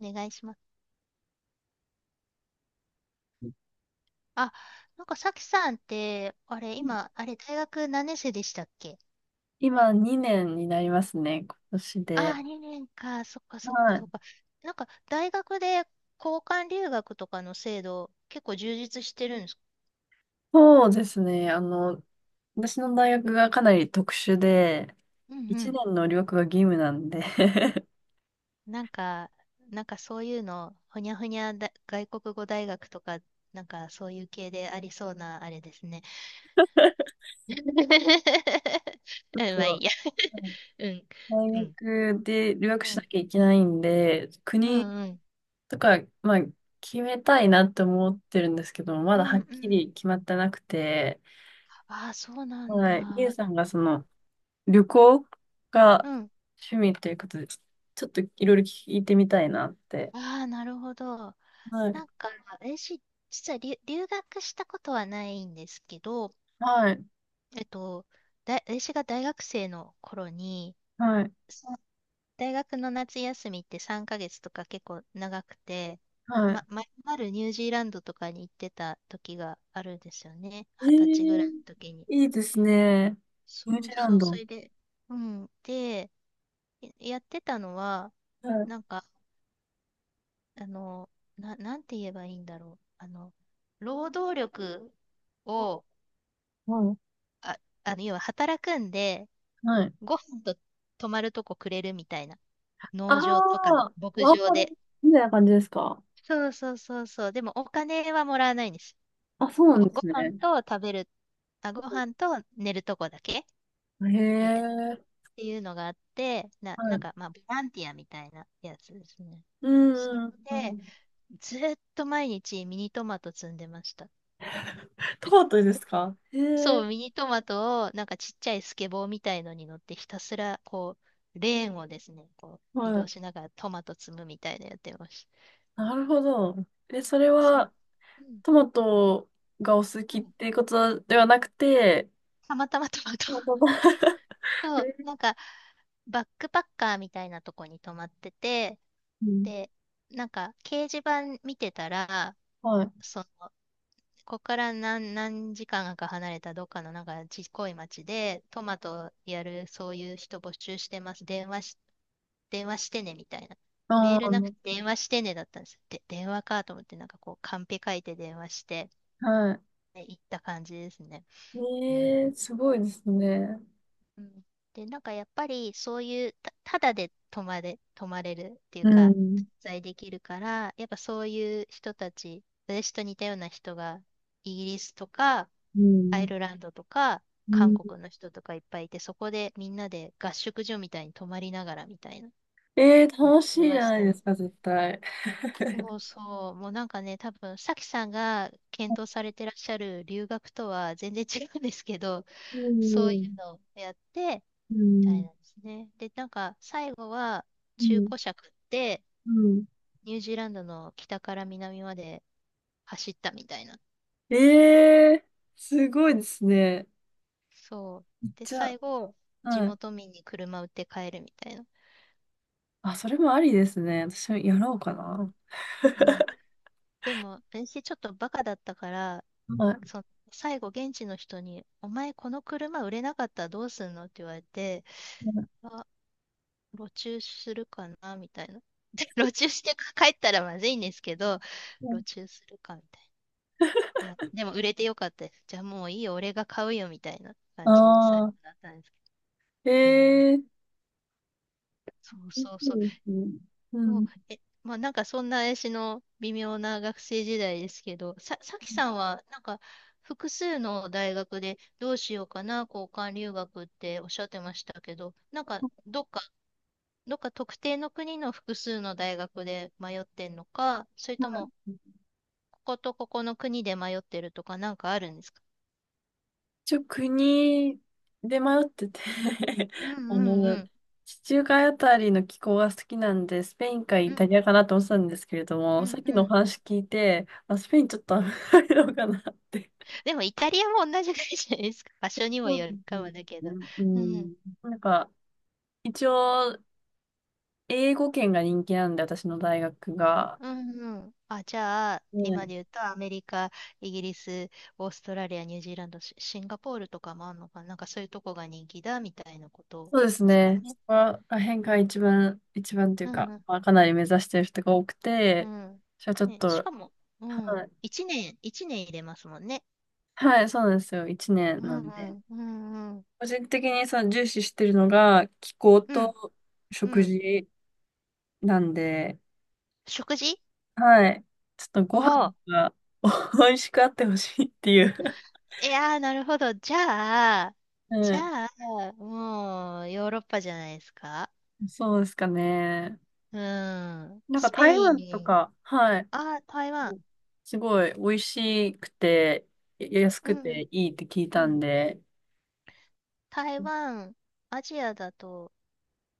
お願いします。あ、なんかさきさんって、今、大学何年生でしたっけ？今2年になりますね、今年あで。あ、2年か。そっかそっはかい。そっか。なんか、大学で交換留学とかの制度、結構充実してるんですか？そうですね。私の大学がかなり特殊で、うんう1ん。年の留学が義務なんで なんか、なんかそういうの、ほにゃほにゃだ、外国語大学とか、なんかそういう系でありそうな、あれですね。うん、ちょっと、まあいいや。はい、 うん、大うん。学で留学うしなん、きゃいけないんで、う国ん、うん。とか、まあ、決めたいなって思ってるんですけど、まうだん、はうっん。きり決まってなくて、ああ、そうなんはい。リエだ。さんが旅行がうん。趣味ということで、ちょっといろいろ聞いてみたいなって。ああ、なるほど。はない。んか、私、実は留学したことはないんですけど、はい。えっと、私が大学生の頃に、はい。さ大学の夏休みって3ヶ月とか結構長くて、はま、い。まるまるニュージーランドとかに行ってた時があるんですよね。え二十歳ぐらいのー、時に。いいですね。ニューそジうーラそンう、そド。れで、うん。で、やってたのは、はい。なんか、あの、なんて言えばいいんだろう。労働力を、はあ、要は働くんで、はい。ご飯と泊まるとこくれるみたいな。あ農場とかあ、牧ワー場ホリで。みたいな感じですか？そうそうそうそう。でもお金はもらわないんです。あ、そうなご、んでごす飯ね。と食べる、ご飯と寝るとこだけへみたいな。え。っていうのがあって、な、なはんい。か、まあ、ボランティアみたいなやつですね。うそれんうんうで、ん。ずっと毎日ミニトマト摘んでました。トマトですか？へそえ。う、ミニトマトを、なんかちっちゃいスケボーみたいのに乗ってひたすら、こう、レーンをですね、こう、移は動い。しながらトマト積むみたいなのやってました。なるほど。え、それそう。はうん。トマトがお好きうっん。ていうことではなくて、たまたまトマト。トマト が、そう、なんか、バックパッカーみたいなとこに泊まってて、うん、で、なんか、掲示板見てたら、はい。その、ここから何時間か離れたどっかのなんかちっこい町で、トマトやるそういう人募集してます。電話してねみたいな。メーあルあ、なくて電話してねだったんです。で、電話かと思ってなんかこうカンペ書いて電話して、はね行った感じですね。い。うんええ、すごいですね。うん。で、なんかやっぱりそういうただで泊まれるっていううか、ん。滞在できるから、やっぱそういう人たち、私と似たような人がイギリスとか、うアイん。ルランドとか、う韓ん、国の人とかいっぱいいて、そこでみんなで合宿所みたいに泊まりながらみたいな、やっ楽していじまゃしないたでね。すか、絶対。そうそう、もうなんかね、多分、さきさんが検討されてらっしゃる留学とは全然違うんですけど、うそういうん。のをやって、うみたいん。なんですね。で、なんか最後はう中ん。古車買ってうん、ニュージーランドの北から南まで走ったみたいな。えー、すごいですね。そう。で、じゃ最後、あ、地はい。元民に車売って帰るみたいな。あ、それもありですね。私もやろうかな。うん。でも、私ちょっとバカだったから、はい。その最後現地の人に、お前この車売れなかったらどうすんのって言われて、あ、路駐するかなみたいな。で、路駐して帰ったらまずいんですけど、路駐するかみたいな。いや、でも売れてよかったです。じゃあもういいよ、俺が買うよみたいな感じに最後ああなったんですけー、ど。うん、いそういでそうそう。すね。うもう、ん。まあなんかそんな私の微妙な学生時代ですけど、さきさんはなんか複数の大学でどうしようかな、交換留学っておっしゃってましたけど、なんかどっか、どっか特定の国の複数の大学で迷ってんのか、それともこことここの国で迷ってるとかなんかあるんですか？一応国で迷ってて うんうあんうの、ん。地中海あたりの気候が好きなんで、スペインかうイタんリアかなと思ってたんですけれどうも、さんっうきのおん。話聞いて、あ、スペインちょっと危ないのかなって。でもイタリアも同じぐらいじゃないですか。場所にもそうよでるすかね。もだけど。ううん。ん。なんか、一応、英語圏が人気なんで、私の大学が。うんうん。あ、じゃあ、今ね、で言うとアメリカ、イギリス、オーストラリア、ニュージーランド、シンガポールとかもあるのかな。なんかそういうとこが人気だみたいなことそうですですかね。そね。こら辺が一番、一番といううんか、うんまあ、かなり目指してる人が多くうて、ん。じゃあちょっね、しと、かも、うはん。い一年入れますもんね。はい、そうなんですよ。一年うなんんうで。んうんうん。個人的にその重視してるのが気候うんとう食ん。事なんで、食事。はい。ちょっとおご飯おー。が 美味しくあってほしいっていう、いやー、なるほど。じゃあ、はじい ゃあ、もう、ヨーロッパじゃないですか。そうですかね。うん。なんかスペ台湾とイン。か、はい。あ、台湾。すごい美味しくて、安うくん。ていいって聞いうたんん。で、台湾、アジアだと、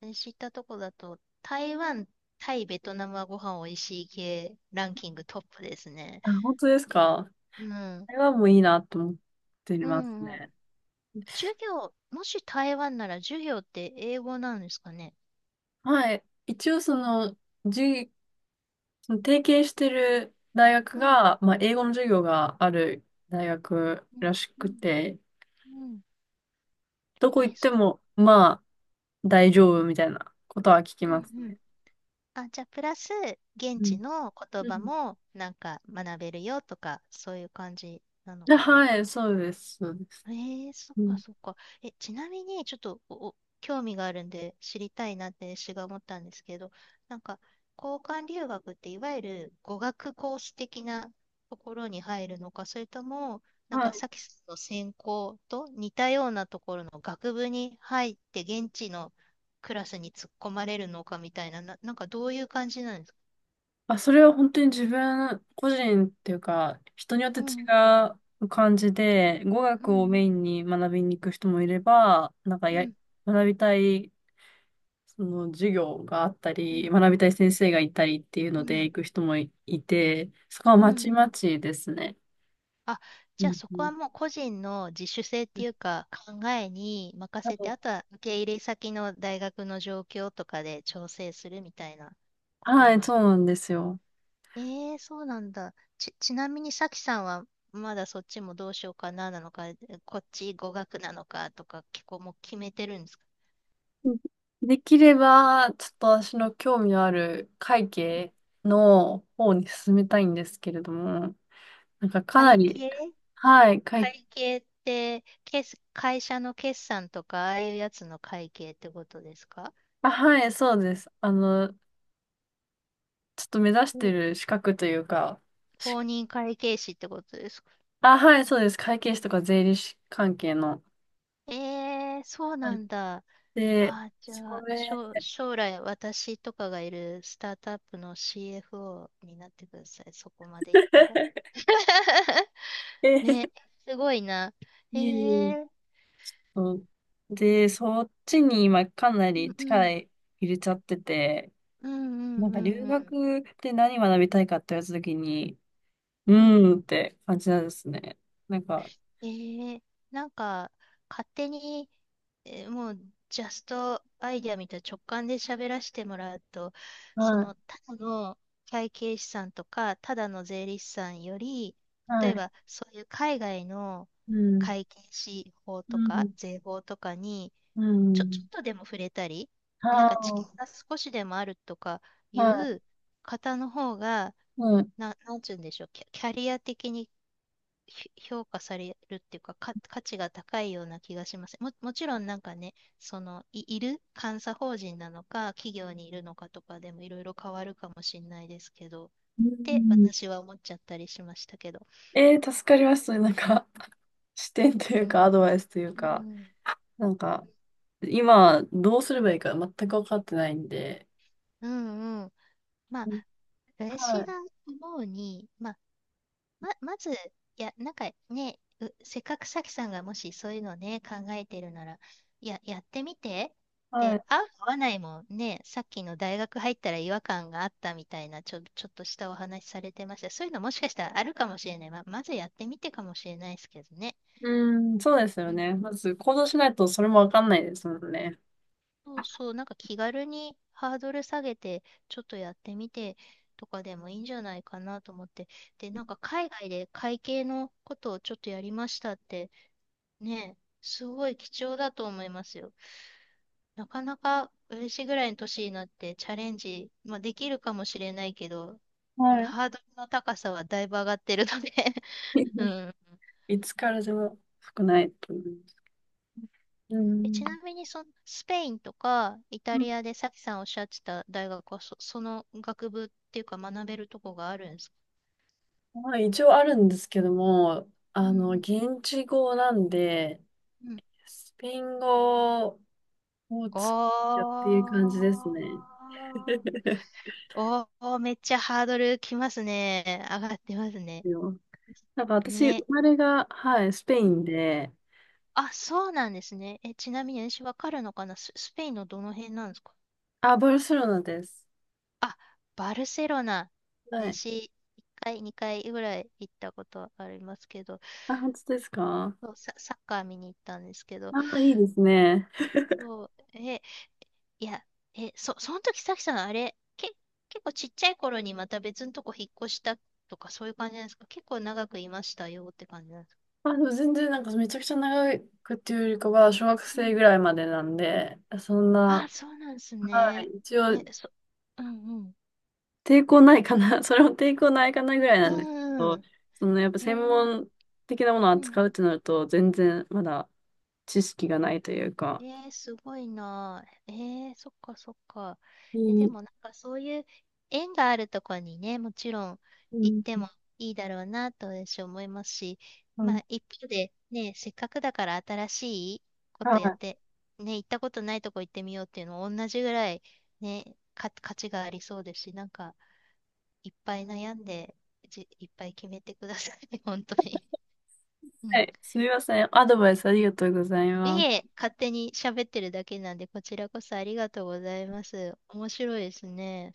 知ったとこだと、台湾、タイ、ベトナムはご飯おいしい系ランキングトップですね。あ、本当ですか？うん。台湾もいいなと思ってうますん、うん。ね。授業、もし台湾なら授業って英語なんですかね。はい。一応その、じゅうその提携してる大学うん。が、まあ、英語の授業がある大学うん。らしくうて、ん。うん。どこ行っそても、まあ、大丈夫みたいなことは聞きう。うますん。ね。あ、じゃあ、プラス、現う地ん。の言う葉ん。も、なんか、学べるよとか、そういう感じなのあ、かな？はい、そうです、そうです。そっうかん。そっか。ちなみに、ちょっと、お興味があるんで、知りたいなって私が思ったんですけど、なんか、交換留学って、いわゆる語学コース的なところに入るのか、それとも、なんまあ、か、さっきの専攻と似たようなところの学部に入って、現地のクラスに突っ込まれるのかみたいな、なんかどういう感じなんですか？まあ、それは本当に自分個人っていうか、人によってう違ん、う感じで、語う学をん、うん、メインに学びに行く人もいれば、なんかうん、学びたいその授業があったうり、ん、学びたい先生がいたりっていううのでん、行く人もいて、そこはうんまうちまん。ちですね。あ、うじゃあんそうこん。はもう個人の自主性っていうか考えに任なせのて、で、あとは受け入れ先の大学の状況とかで調整するみたいなことはい、なその。うなんですよ。ええそうなんだ。ちなみにさきさんはまだそっちもどうしようかななのか、こっち語学なのかとか結構もう決めてるんですか？うん、できれば、ちょっと私の興味のある会計の方に進めたいんですけれども、なんかかな会り、計。はい、会計って、会社の決算とか、ああいうやつの会計ってことですか？あ、はい、そうです。ちょっと目指しうてん。る資格というか、資公格認会計士ってことですか？あ、はい、そうです。会計士とか税理士関係の。えそうなんだ。で、じそゃあ、れ、将来私とかがいるスタートアップの CFO になってください。そこまでいったら。えね、えすごいな。ええー、と で、そっちに今かなりう力ん入れちゃってて、うん、うなんんうか留んうんうん。学で何学びたいかって言われたときに、ううん。ーんって感じなんですね。なんか、えー、なんか、勝手に、もう、ジャストアイデアみたいな直感で喋らせてもらうと、そはの、い、ただの会計士さんとか、ただの税理士さんより、は例えい、ば、そういう海外のうん、会計士法うとか、ん、税法とかに、うちょ、ちょっん、とでも触れたり、なんか知見はが少しでもあるとかいいはう方の方が、い、はい、なんちゅうんでしょう、キャリア的に評価されるっていうか、価値が高いような気がします。もちろんなんかね、その、いる監査法人なのか、企業にいるのかとかでもいろいろ変わるかもしれないですけど、っうてん。私は思っちゃったりしましたけど。助かります。なんか、視点とういうか、ん。アドバイスといううか、ん。なんか、今、どうすればいいか全く分かってないんで、うんうん。まあ、はい。私が思うに、まず、いや、なんかね、せっかくさきさんがもしそういうのね、考えてるなら、いや、やってみて。はで、い。合う合わないもね、さっきの大学入ったら違和感があったみたいな、ちょっとしたお話されてました。そういうのもしかしたらあるかもしれない。まずやってみてかもしれないですけどね。うん、そうですようん、ね。まず行動しないとそれもわかんないですもんね。そうそう、なんか気軽にハードル下げて、ちょっとやってみてとかでもいいんじゃないかなと思って。で、なんか海外で会計のことをちょっとやりましたって、ねえ、すごい貴重だと思いますよ。なかなか私ぐらいの年になってチャレンジ、まあ、できるかもしれないけど、はい。ハードルの高さはだいぶ上がってるので う ん。いつからでも少ないと思います。うん。ちなみにその、スペインとかイタうん、リアでさきさんおっしゃってた大学はその学部っていうか学べるとこがあるんですか？まあ、一応あるんですけども、うん現地語なんで、うん。うん。スペイン語をやっていう感じですね。あ ー、おー、めっちゃハードルきますね。上がってますね。よなんか私、ね。生まれが、はい、スペインで、あ、そうなんですね。ちなみに私わかるのかな、スペインのどの辺なんですか？あ、バルセロナです。あ、バルセロナ。はい。私、1回、2回ぐらい行ったことありますけど、あ、本当ですか？そう、サッカー見に行ったんですけど、あ、いいですね。そう、いや、その時さきさん、あれ、結構ちっちゃい頃にまた別のとこ引っ越したとか、そういう感じなんですか？結構長くいましたよって感じなんですか？あ、でも全然なんかめちゃくちゃ長くっていうよりかは、小学うん。生ぐらいまでなんで、そんな、あ、そうなんですはい、ね。一応え、そ、うんうん。抵抗ないかな、それも抵抗ないかなぐらいうなんですけんうど、ん。そのやっぱえ専ー門的なものをうんうん扱うってなると、全然まだ知識がないというか。すごいな。そっかそっか。いでいもなんかそういう縁があるとこにね、もちろんう行ってん、もいいだろうなと私思いますし、はまい。あ一方でね、せっかくだから新しいこはとやっい、て、ね、行ったことないとこ行ってみようっていうのも同じぐらいね、価値がありそうですし、なんかいっぱい悩んで、いっぱい決めてくださいね、本当に。うはん。い、すみません。アドバイスありがとうございいます。え、勝手に喋ってるだけなんで、こちらこそありがとうございます。面白いですね。